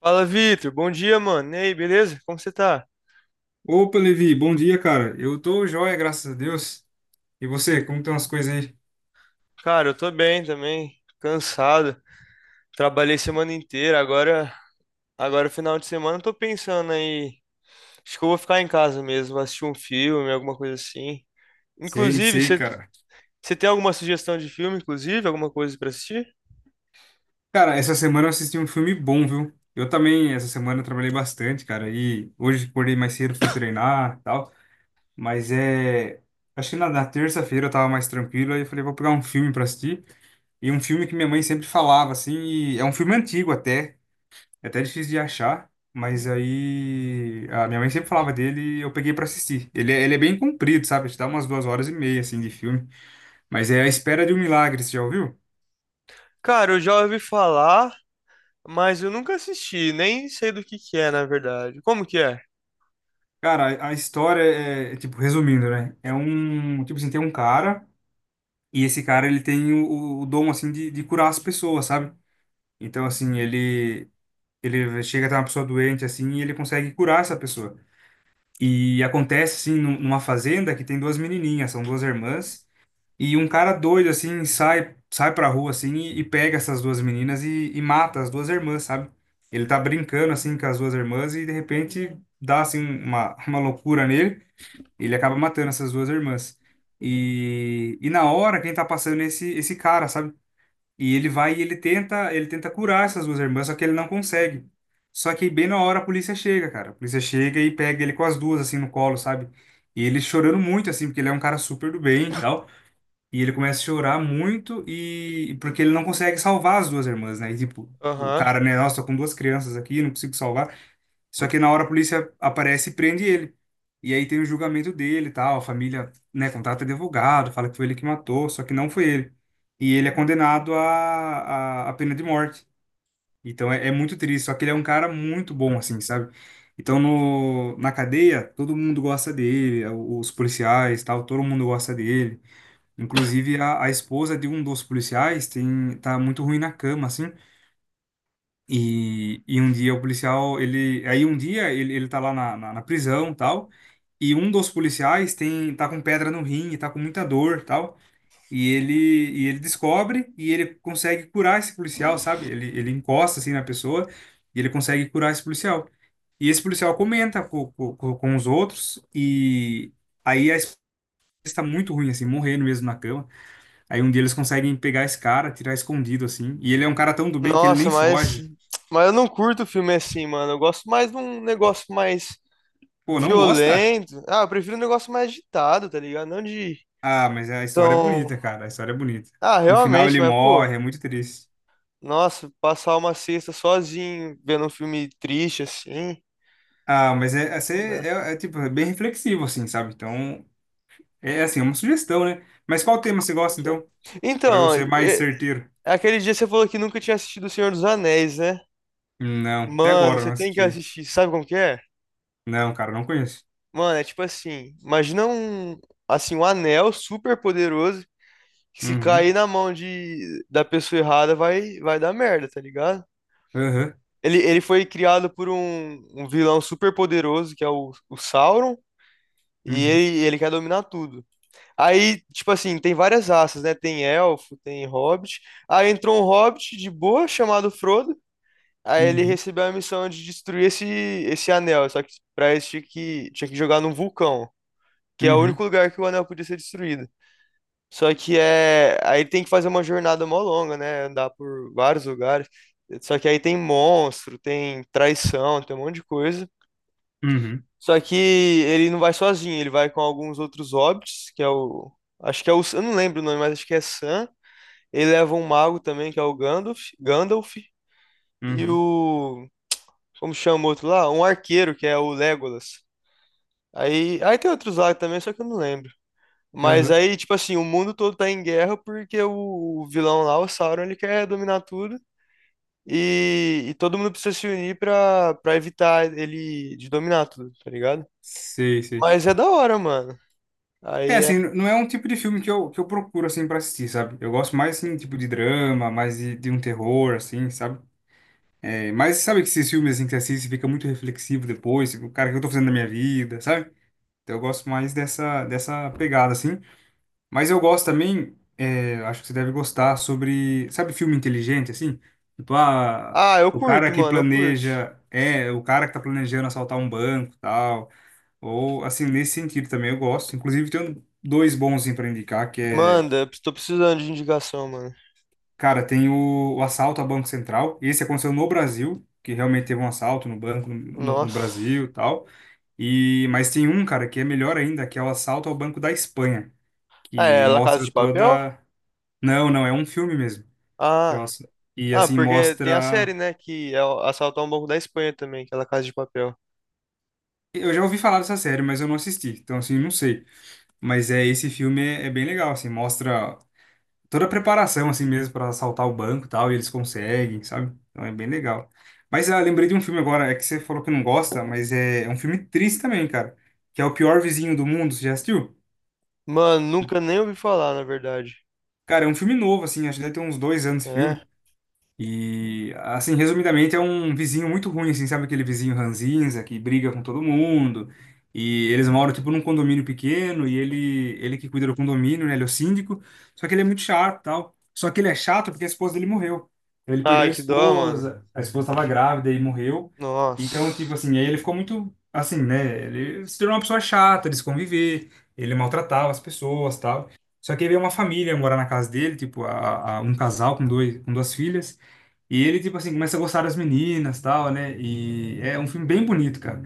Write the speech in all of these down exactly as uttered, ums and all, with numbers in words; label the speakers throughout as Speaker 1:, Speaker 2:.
Speaker 1: Fala, Vitor. Bom dia, mano. E aí, beleza? Como você tá?
Speaker 2: Opa, Levi, bom dia, cara. Eu tô joia, graças a Deus. E você, como estão as coisas aí?
Speaker 1: Cara, eu tô bem também. Cansado. Trabalhei semana inteira. Agora, agora final de semana, eu tô pensando aí. Acho que eu vou ficar em casa mesmo, vou assistir um filme, alguma coisa assim.
Speaker 2: Sei,
Speaker 1: Inclusive,
Speaker 2: sei,
Speaker 1: você
Speaker 2: cara.
Speaker 1: você tem alguma sugestão de filme, inclusive? Alguma coisa pra assistir?
Speaker 2: Cara, essa semana eu assisti um filme bom, viu? Eu também, essa semana, eu trabalhei bastante, cara. E hoje acordei mais cedo, fui treinar e tal. Mas é. Acho que na, na terça-feira eu tava mais tranquilo. Aí eu falei, vou pegar um filme pra assistir. E um filme que minha mãe sempre falava, assim. E é um filme antigo até. É até difícil de achar, mas aí a minha mãe sempre falava dele e eu peguei pra assistir. Ele, é- ele é bem comprido, sabe? Te dá umas duas horas e meia, assim, de filme. Mas é A Espera de um Milagre, você já ouviu?
Speaker 1: Cara, eu já ouvi falar, mas eu nunca assisti. Nem sei do que que é, na verdade. Como que é?
Speaker 2: Cara, a, a história é, é, tipo, resumindo, né? É um, tipo assim, tem um cara e esse cara, ele tem o, o dom, assim, de, de curar as pessoas, sabe? Então, assim, ele, ele chega a ter uma pessoa doente, assim, e ele consegue curar essa pessoa. E acontece, assim, num- numa fazenda que tem duas menininhas, são duas irmãs. E um cara doido, assim, sai, sai pra rua, assim, e, e pega essas duas meninas e, e mata as duas irmãs, sabe? Ele tá brincando, assim, com as duas irmãs e, de repente, dá, assim, uma, uma loucura nele. E ele acaba matando essas duas irmãs. E, e na hora, quem tá passando é esse, esse cara, sabe? E ele vai e ele tenta, ele tenta curar essas duas irmãs, só que ele não consegue. Só que bem na hora a polícia chega, cara. A polícia chega e pega ele com as duas, assim, no colo, sabe? E ele chorando muito, assim, porque ele é um cara super do bem e tal. E ele começa a chorar muito e porque ele não consegue salvar as duas irmãs, né? E, tipo, o
Speaker 1: Aham.
Speaker 2: cara, né, nossa, tô com duas crianças aqui, não consigo salvar. Só que na hora a polícia aparece e prende ele. E aí tem o julgamento dele, e tal, a família, né, contrata advogado, fala que foi ele que matou, só que não foi ele. E ele é condenado à à à pena de morte. Então é, é muito triste, só que ele é um cara muito bom assim, sabe? Então no na cadeia, todo mundo gosta dele, os policiais, tal, todo mundo gosta dele. Inclusive, a, a esposa de um dos policiais tem, tá muito ruim na cama, assim. E, e um dia o policial, ele. Aí um dia ele, ele tá lá na, na, na prisão, tal. E um dos policiais tem, tá com pedra no rim, e tá com muita dor, tal. E ele, e ele descobre e ele consegue curar esse policial, sabe? Ele, ele encosta, assim, na pessoa e ele consegue curar esse policial. E esse policial comenta com, com, com com os outros e aí a esposa está muito ruim, assim, morrendo mesmo na cama. Aí um dia eles conseguem pegar esse cara, tirar escondido assim. E ele é um cara tão do bem que ele
Speaker 1: Nossa,
Speaker 2: nem
Speaker 1: mas.
Speaker 2: foge.
Speaker 1: Mas eu não curto filme assim, mano. Eu gosto mais de um negócio mais
Speaker 2: Pô, não gosta?
Speaker 1: violento. Ah, eu prefiro um negócio mais agitado, tá ligado? Não de
Speaker 2: Ah, mas a história é
Speaker 1: tão.
Speaker 2: bonita, cara. A história é bonita.
Speaker 1: Ah,
Speaker 2: No final
Speaker 1: realmente,
Speaker 2: ele
Speaker 1: mas, pô,
Speaker 2: morre, é muito triste.
Speaker 1: nossa, passar uma sexta sozinho, vendo um filme triste assim.
Speaker 2: Ah, mas é, é,
Speaker 1: Não
Speaker 2: ser-
Speaker 1: dá.
Speaker 2: é, é, tipo, é bem reflexivo, assim, sabe? Então, é é assim, é uma sugestão, né? Mas qual tema você gosta,
Speaker 1: Já.
Speaker 2: então? Pra eu
Speaker 1: Então,
Speaker 2: ser mais
Speaker 1: e-
Speaker 2: certeiro.
Speaker 1: aquele dia você falou que nunca tinha assistido O Senhor dos Anéis, né?
Speaker 2: Não, até
Speaker 1: Mano,
Speaker 2: agora eu
Speaker 1: você
Speaker 2: não
Speaker 1: tem que
Speaker 2: assisti.
Speaker 1: assistir. Sabe como que é?
Speaker 2: Não, cara, não conheço.
Speaker 1: Mano, é tipo assim, imagina um, assim, um anel super poderoso que se
Speaker 2: Uhum.
Speaker 1: cair na mão de, da pessoa errada vai, vai dar merda, tá ligado?
Speaker 2: Aham.
Speaker 1: Ele, ele foi criado por um, um vilão super poderoso, que é o, o Sauron, e
Speaker 2: Uhum.
Speaker 1: ele, ele quer dominar tudo. Aí, tipo assim, tem várias raças, né? Tem elfo, tem hobbit. Aí entrou um hobbit de boa, chamado Frodo. Aí ele
Speaker 2: Uhum.
Speaker 1: recebeu a missão de destruir esse, esse anel, só que pra isso tinha que, tinha que jogar num vulcão, que é o
Speaker 2: Uhum.
Speaker 1: único lugar que o anel podia ser destruído. Só que é. Aí tem que fazer uma jornada mó longa, né? Andar por vários lugares. Só que aí tem monstro, tem traição, tem um monte de coisa.
Speaker 2: Uhum.
Speaker 1: Só que ele não vai sozinho, ele vai com alguns outros hobbits, que é o. Acho que é o. Eu não lembro o nome, mas acho que é Sam. Ele leva um mago também, que é o Gandalf. Gandalf. E
Speaker 2: Uhum.
Speaker 1: o. Como chama o outro lá? Um arqueiro, que é o Legolas. Aí, aí tem outros lá também, só que eu não lembro. Mas
Speaker 2: Aham.
Speaker 1: aí, tipo assim, o mundo todo tá em guerra porque o o vilão lá, o Sauron, ele quer dominar tudo. E, e todo mundo precisa se unir pra, pra evitar ele de dominar tudo, tá ligado?
Speaker 2: Sei, sei.
Speaker 1: Mas é da hora, mano.
Speaker 2: É,
Speaker 1: Aí
Speaker 2: assim, não é um tipo de filme que eu, que eu, procuro, assim, pra assistir, sabe? Eu gosto mais, assim, tipo de drama, mais de, de um terror, assim, sabe? É, mas sabe que esses filmes, assim, que você assiste fica muito reflexivo depois, tipo, cara, o que eu tô fazendo na minha vida, sabe? Então eu gosto mais dessa, dessa pegada, assim. Mas eu gosto também, é, acho que você deve gostar, sobre, sabe, filme inteligente, assim? Tipo, ah,
Speaker 1: ah, eu
Speaker 2: o cara
Speaker 1: curto,
Speaker 2: que
Speaker 1: mano, eu curto.
Speaker 2: planeja, é, o cara que tá planejando assaltar um banco, tal. Ou, assim, nesse sentido também eu gosto. Inclusive, tenho dois bons assim, para indicar, que é.
Speaker 1: Manda, tô precisando de indicação, mano.
Speaker 2: Cara, tem o, o assalto a Banco Central. Esse aconteceu no Brasil, que realmente teve um assalto no banco no, no
Speaker 1: Nossa.
Speaker 2: Brasil e tal. E, mas tem um, cara, que é melhor ainda, que é o assalto ao Banco da Espanha,
Speaker 1: Ah,
Speaker 2: que
Speaker 1: é La Casa
Speaker 2: mostra
Speaker 1: de Papel?
Speaker 2: toda. Não, não, é um filme mesmo. Que é o
Speaker 1: Ah.
Speaker 2: ass-. E,
Speaker 1: Ah,
Speaker 2: assim,
Speaker 1: porque tem a
Speaker 2: mostra.
Speaker 1: série, né, que é o- Assaltar um Banco da Espanha também, que é La Casa de Papel.
Speaker 2: Eu já ouvi falar dessa série, mas eu não assisti. Então, assim, não sei. Mas é esse filme é, é bem legal, assim, mostra toda a preparação, assim mesmo, para assaltar o banco e tal, e eles conseguem, sabe? Então é bem legal. Mas ah, lembrei de um filme agora, é que você falou que não gosta, mas é, é um filme triste também, cara. Que é O Pior Vizinho do Mundo, você já assistiu?
Speaker 1: Mano, nunca nem ouvi falar, na verdade.
Speaker 2: Cara, é um filme novo, assim, acho que deve ter uns dois anos esse filme.
Speaker 1: É.
Speaker 2: E, assim, resumidamente, é um vizinho muito ruim, assim, sabe aquele vizinho ranzinza que briga com todo mundo. E eles moram, tipo, num condomínio pequeno e ele, ele que cuida do condomínio, né? Ele é o síndico. Só que ele é muito chato, tal. Só que ele é chato porque a esposa dele morreu. Então, ele perdeu a
Speaker 1: Ai, que dó, mano.
Speaker 2: esposa, a esposa estava grávida e morreu. Então,
Speaker 1: Nossa.
Speaker 2: tipo assim, aí ele ficou muito, assim, né? Ele se tornou uma pessoa chata de se conviver, ele maltratava as pessoas, tal. Só que aí veio uma família morar na casa dele, tipo, a, a- um casal com dois, com duas filhas. E ele, tipo assim, começa a gostar das meninas, tal, né? E é um filme bem bonito, cara.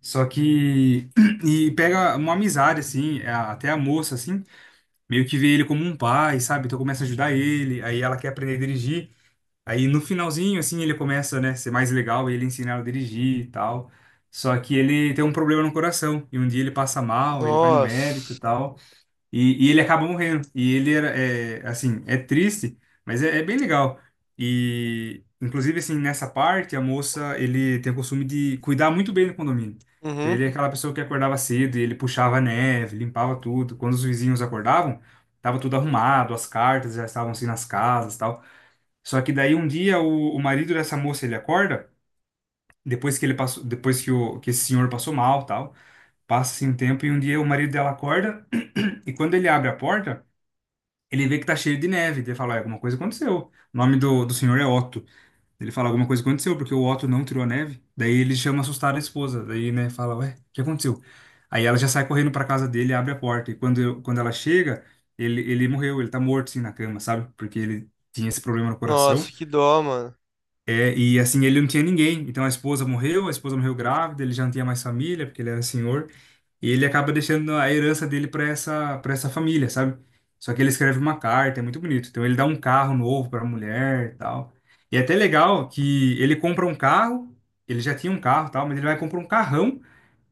Speaker 2: Só que e pega uma amizade assim, a- até a moça assim, meio que vê ele como um pai, sabe? Então começa a ajudar ele, aí ela quer aprender a dirigir. Aí no finalzinho assim, ele começa, né, ser mais legal, ele ensina ela a dirigir e tal. Só que ele tem um problema no coração e um dia ele passa mal, ele vai no médico e
Speaker 1: Nossa.
Speaker 2: tal. E, e ele acaba morrendo. E ele era, é, assim, é triste, mas é, é bem legal. E, inclusive, assim, nessa parte, a moça, ele tem o costume de cuidar muito bem do condomínio. Então,
Speaker 1: Uhum.
Speaker 2: ele é aquela pessoa que acordava cedo e ele puxava a neve, limpava tudo. Quando os vizinhos acordavam, tava tudo arrumado, as cartas já estavam, assim, nas casas e tal. Só que daí, um dia, o, o marido dessa moça, ele acorda, depois que ele passou, depois que, o, que esse senhor passou mal, tal. Passa, assim, um tempo e um dia o marido dela acorda e quando ele abre a porta, ele vê que tá cheio de neve. Ele fala, "Ah, alguma coisa aconteceu." O nome do, do senhor é Otto. Ele fala, alguma coisa aconteceu, porque o Otto não tirou a neve. Daí ele chama assustado a esposa. Daí, né, fala, ué, o que aconteceu? Aí ela já sai correndo pra casa dele, abre a porta. E quando, eu- quando ela chega, ele, ele morreu, ele tá morto, assim, na cama, sabe? Porque ele tinha esse problema no coração.
Speaker 1: Nossa, que dó, mano.
Speaker 2: É, e, assim, ele não tinha ninguém. Então a esposa morreu, a esposa morreu grávida, ele já não tinha mais família, porque ele era senhor. E ele acaba deixando a herança dele para essa, para essa, família, sabe? Só que ele escreve uma carta, é muito bonito. Então ele dá um carro novo para a mulher e tal. E é até legal que ele compra um carro, ele já tinha um carro e tal, mas ele vai comprar um carrão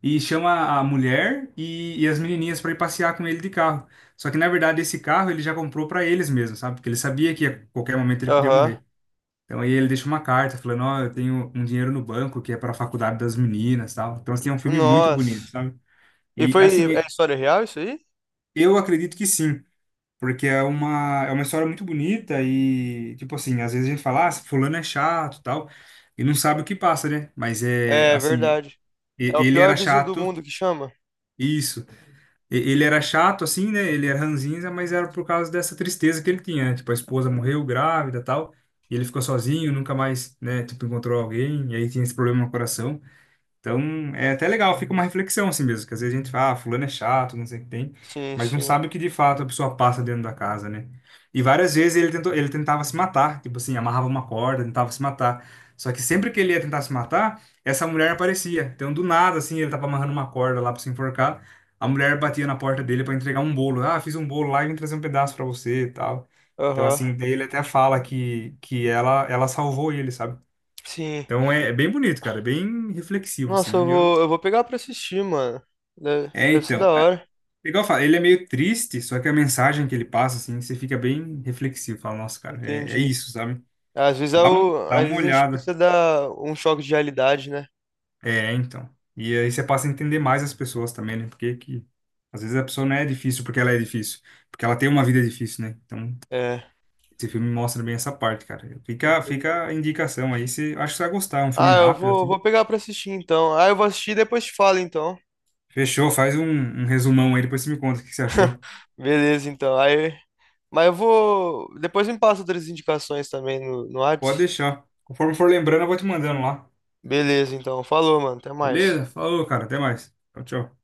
Speaker 2: e chama a mulher e, e as menininhas para ir passear com ele de carro. Só que na verdade esse carro ele já comprou para eles mesmos, sabe? Porque ele sabia que a qualquer momento ele podia
Speaker 1: Aham.
Speaker 2: morrer. Então aí ele deixa uma carta falando, ó, eu tenho um dinheiro no banco que é para a faculdade das meninas, e tal. Então assim, é um filme muito bonito,
Speaker 1: Nossa.
Speaker 2: sabe?
Speaker 1: E
Speaker 2: E
Speaker 1: foi. É
Speaker 2: assim,
Speaker 1: história real isso aí?
Speaker 2: eu acredito que sim, porque é uma, é uma história muito bonita e, tipo assim, às vezes a gente fala, ah, esse fulano é chato, e tal, e não sabe o que passa, né? Mas é,
Speaker 1: É
Speaker 2: assim,
Speaker 1: verdade.
Speaker 2: e-
Speaker 1: É o
Speaker 2: ele
Speaker 1: pior
Speaker 2: era
Speaker 1: vizinho do
Speaker 2: chato,
Speaker 1: mundo que chama?
Speaker 2: isso. E- Ele era chato, assim, né? Ele era ranzinza, mas era por causa dessa tristeza que ele tinha, né? Tipo, a esposa morreu grávida, e tal, e ele ficou sozinho, nunca mais, né, tipo, encontrou alguém, e aí tinha esse problema no coração. Então, é até legal, fica uma reflexão assim mesmo, que às vezes a gente fala, ah, fulano é chato, não sei o que tem,
Speaker 1: Sim,
Speaker 2: mas não
Speaker 1: sim.
Speaker 2: sabe o que de fato a pessoa passa dentro da casa, né? E várias vezes ele tentou, ele tentava se matar, tipo assim, amarrava uma corda, tentava se matar. Só que sempre que ele ia tentar se matar, essa mulher aparecia. Então, do nada, assim, ele tava amarrando uma corda lá pra se enforcar, a mulher batia na porta dele pra entregar um bolo. Ah, fiz um bolo lá e vim trazer um pedaço pra você e tal. Então,
Speaker 1: Aham.
Speaker 2: assim, daí ele até fala que, que ela, ela, salvou ele, sabe?
Speaker 1: Sim.
Speaker 2: Então é, é bem bonito, cara, é bem reflexivo,
Speaker 1: Nossa, eu
Speaker 2: assim. Eu,
Speaker 1: vou, eu vou pegar pra assistir, mano. Deve,
Speaker 2: é,
Speaker 1: deve ser da
Speaker 2: então, é,
Speaker 1: hora.
Speaker 2: igual eu falo, ele é meio triste, só que a mensagem que ele passa, assim, você fica bem reflexivo, fala, nossa, cara, é, é
Speaker 1: Entendi.
Speaker 2: isso, sabe?
Speaker 1: Às vezes, é
Speaker 2: Dá um,
Speaker 1: o,
Speaker 2: dá
Speaker 1: às
Speaker 2: uma
Speaker 1: vezes a gente
Speaker 2: olhada.
Speaker 1: precisa dar um choque de realidade, né?
Speaker 2: É, então. E aí você passa a entender mais as pessoas também, né? Porque que, às vezes a pessoa não é difícil porque ela é difícil, porque ela tem uma vida difícil, né? Então,
Speaker 1: É.
Speaker 2: esse filme mostra bem essa parte, cara. Fica,
Speaker 1: Entendi.
Speaker 2: fica a indicação aí, você, acho que você vai gostar, é um filme
Speaker 1: Ah, eu
Speaker 2: rápido,
Speaker 1: vou,
Speaker 2: assim.
Speaker 1: vou pegar pra assistir então. Ah, eu vou assistir e depois te falo então.
Speaker 2: Fechou, faz um, um resumão aí, depois você me conta o que você achou.
Speaker 1: Beleza, então. Aí, mas eu vou. Depois me passa outras indicações também no, no
Speaker 2: Pode
Speaker 1: Whats.
Speaker 2: deixar. Conforme for lembrando, eu vou te mandando lá.
Speaker 1: Beleza, então. Falou, mano. Até mais.
Speaker 2: Beleza? Falou, cara. Até mais. Tchau, tchau.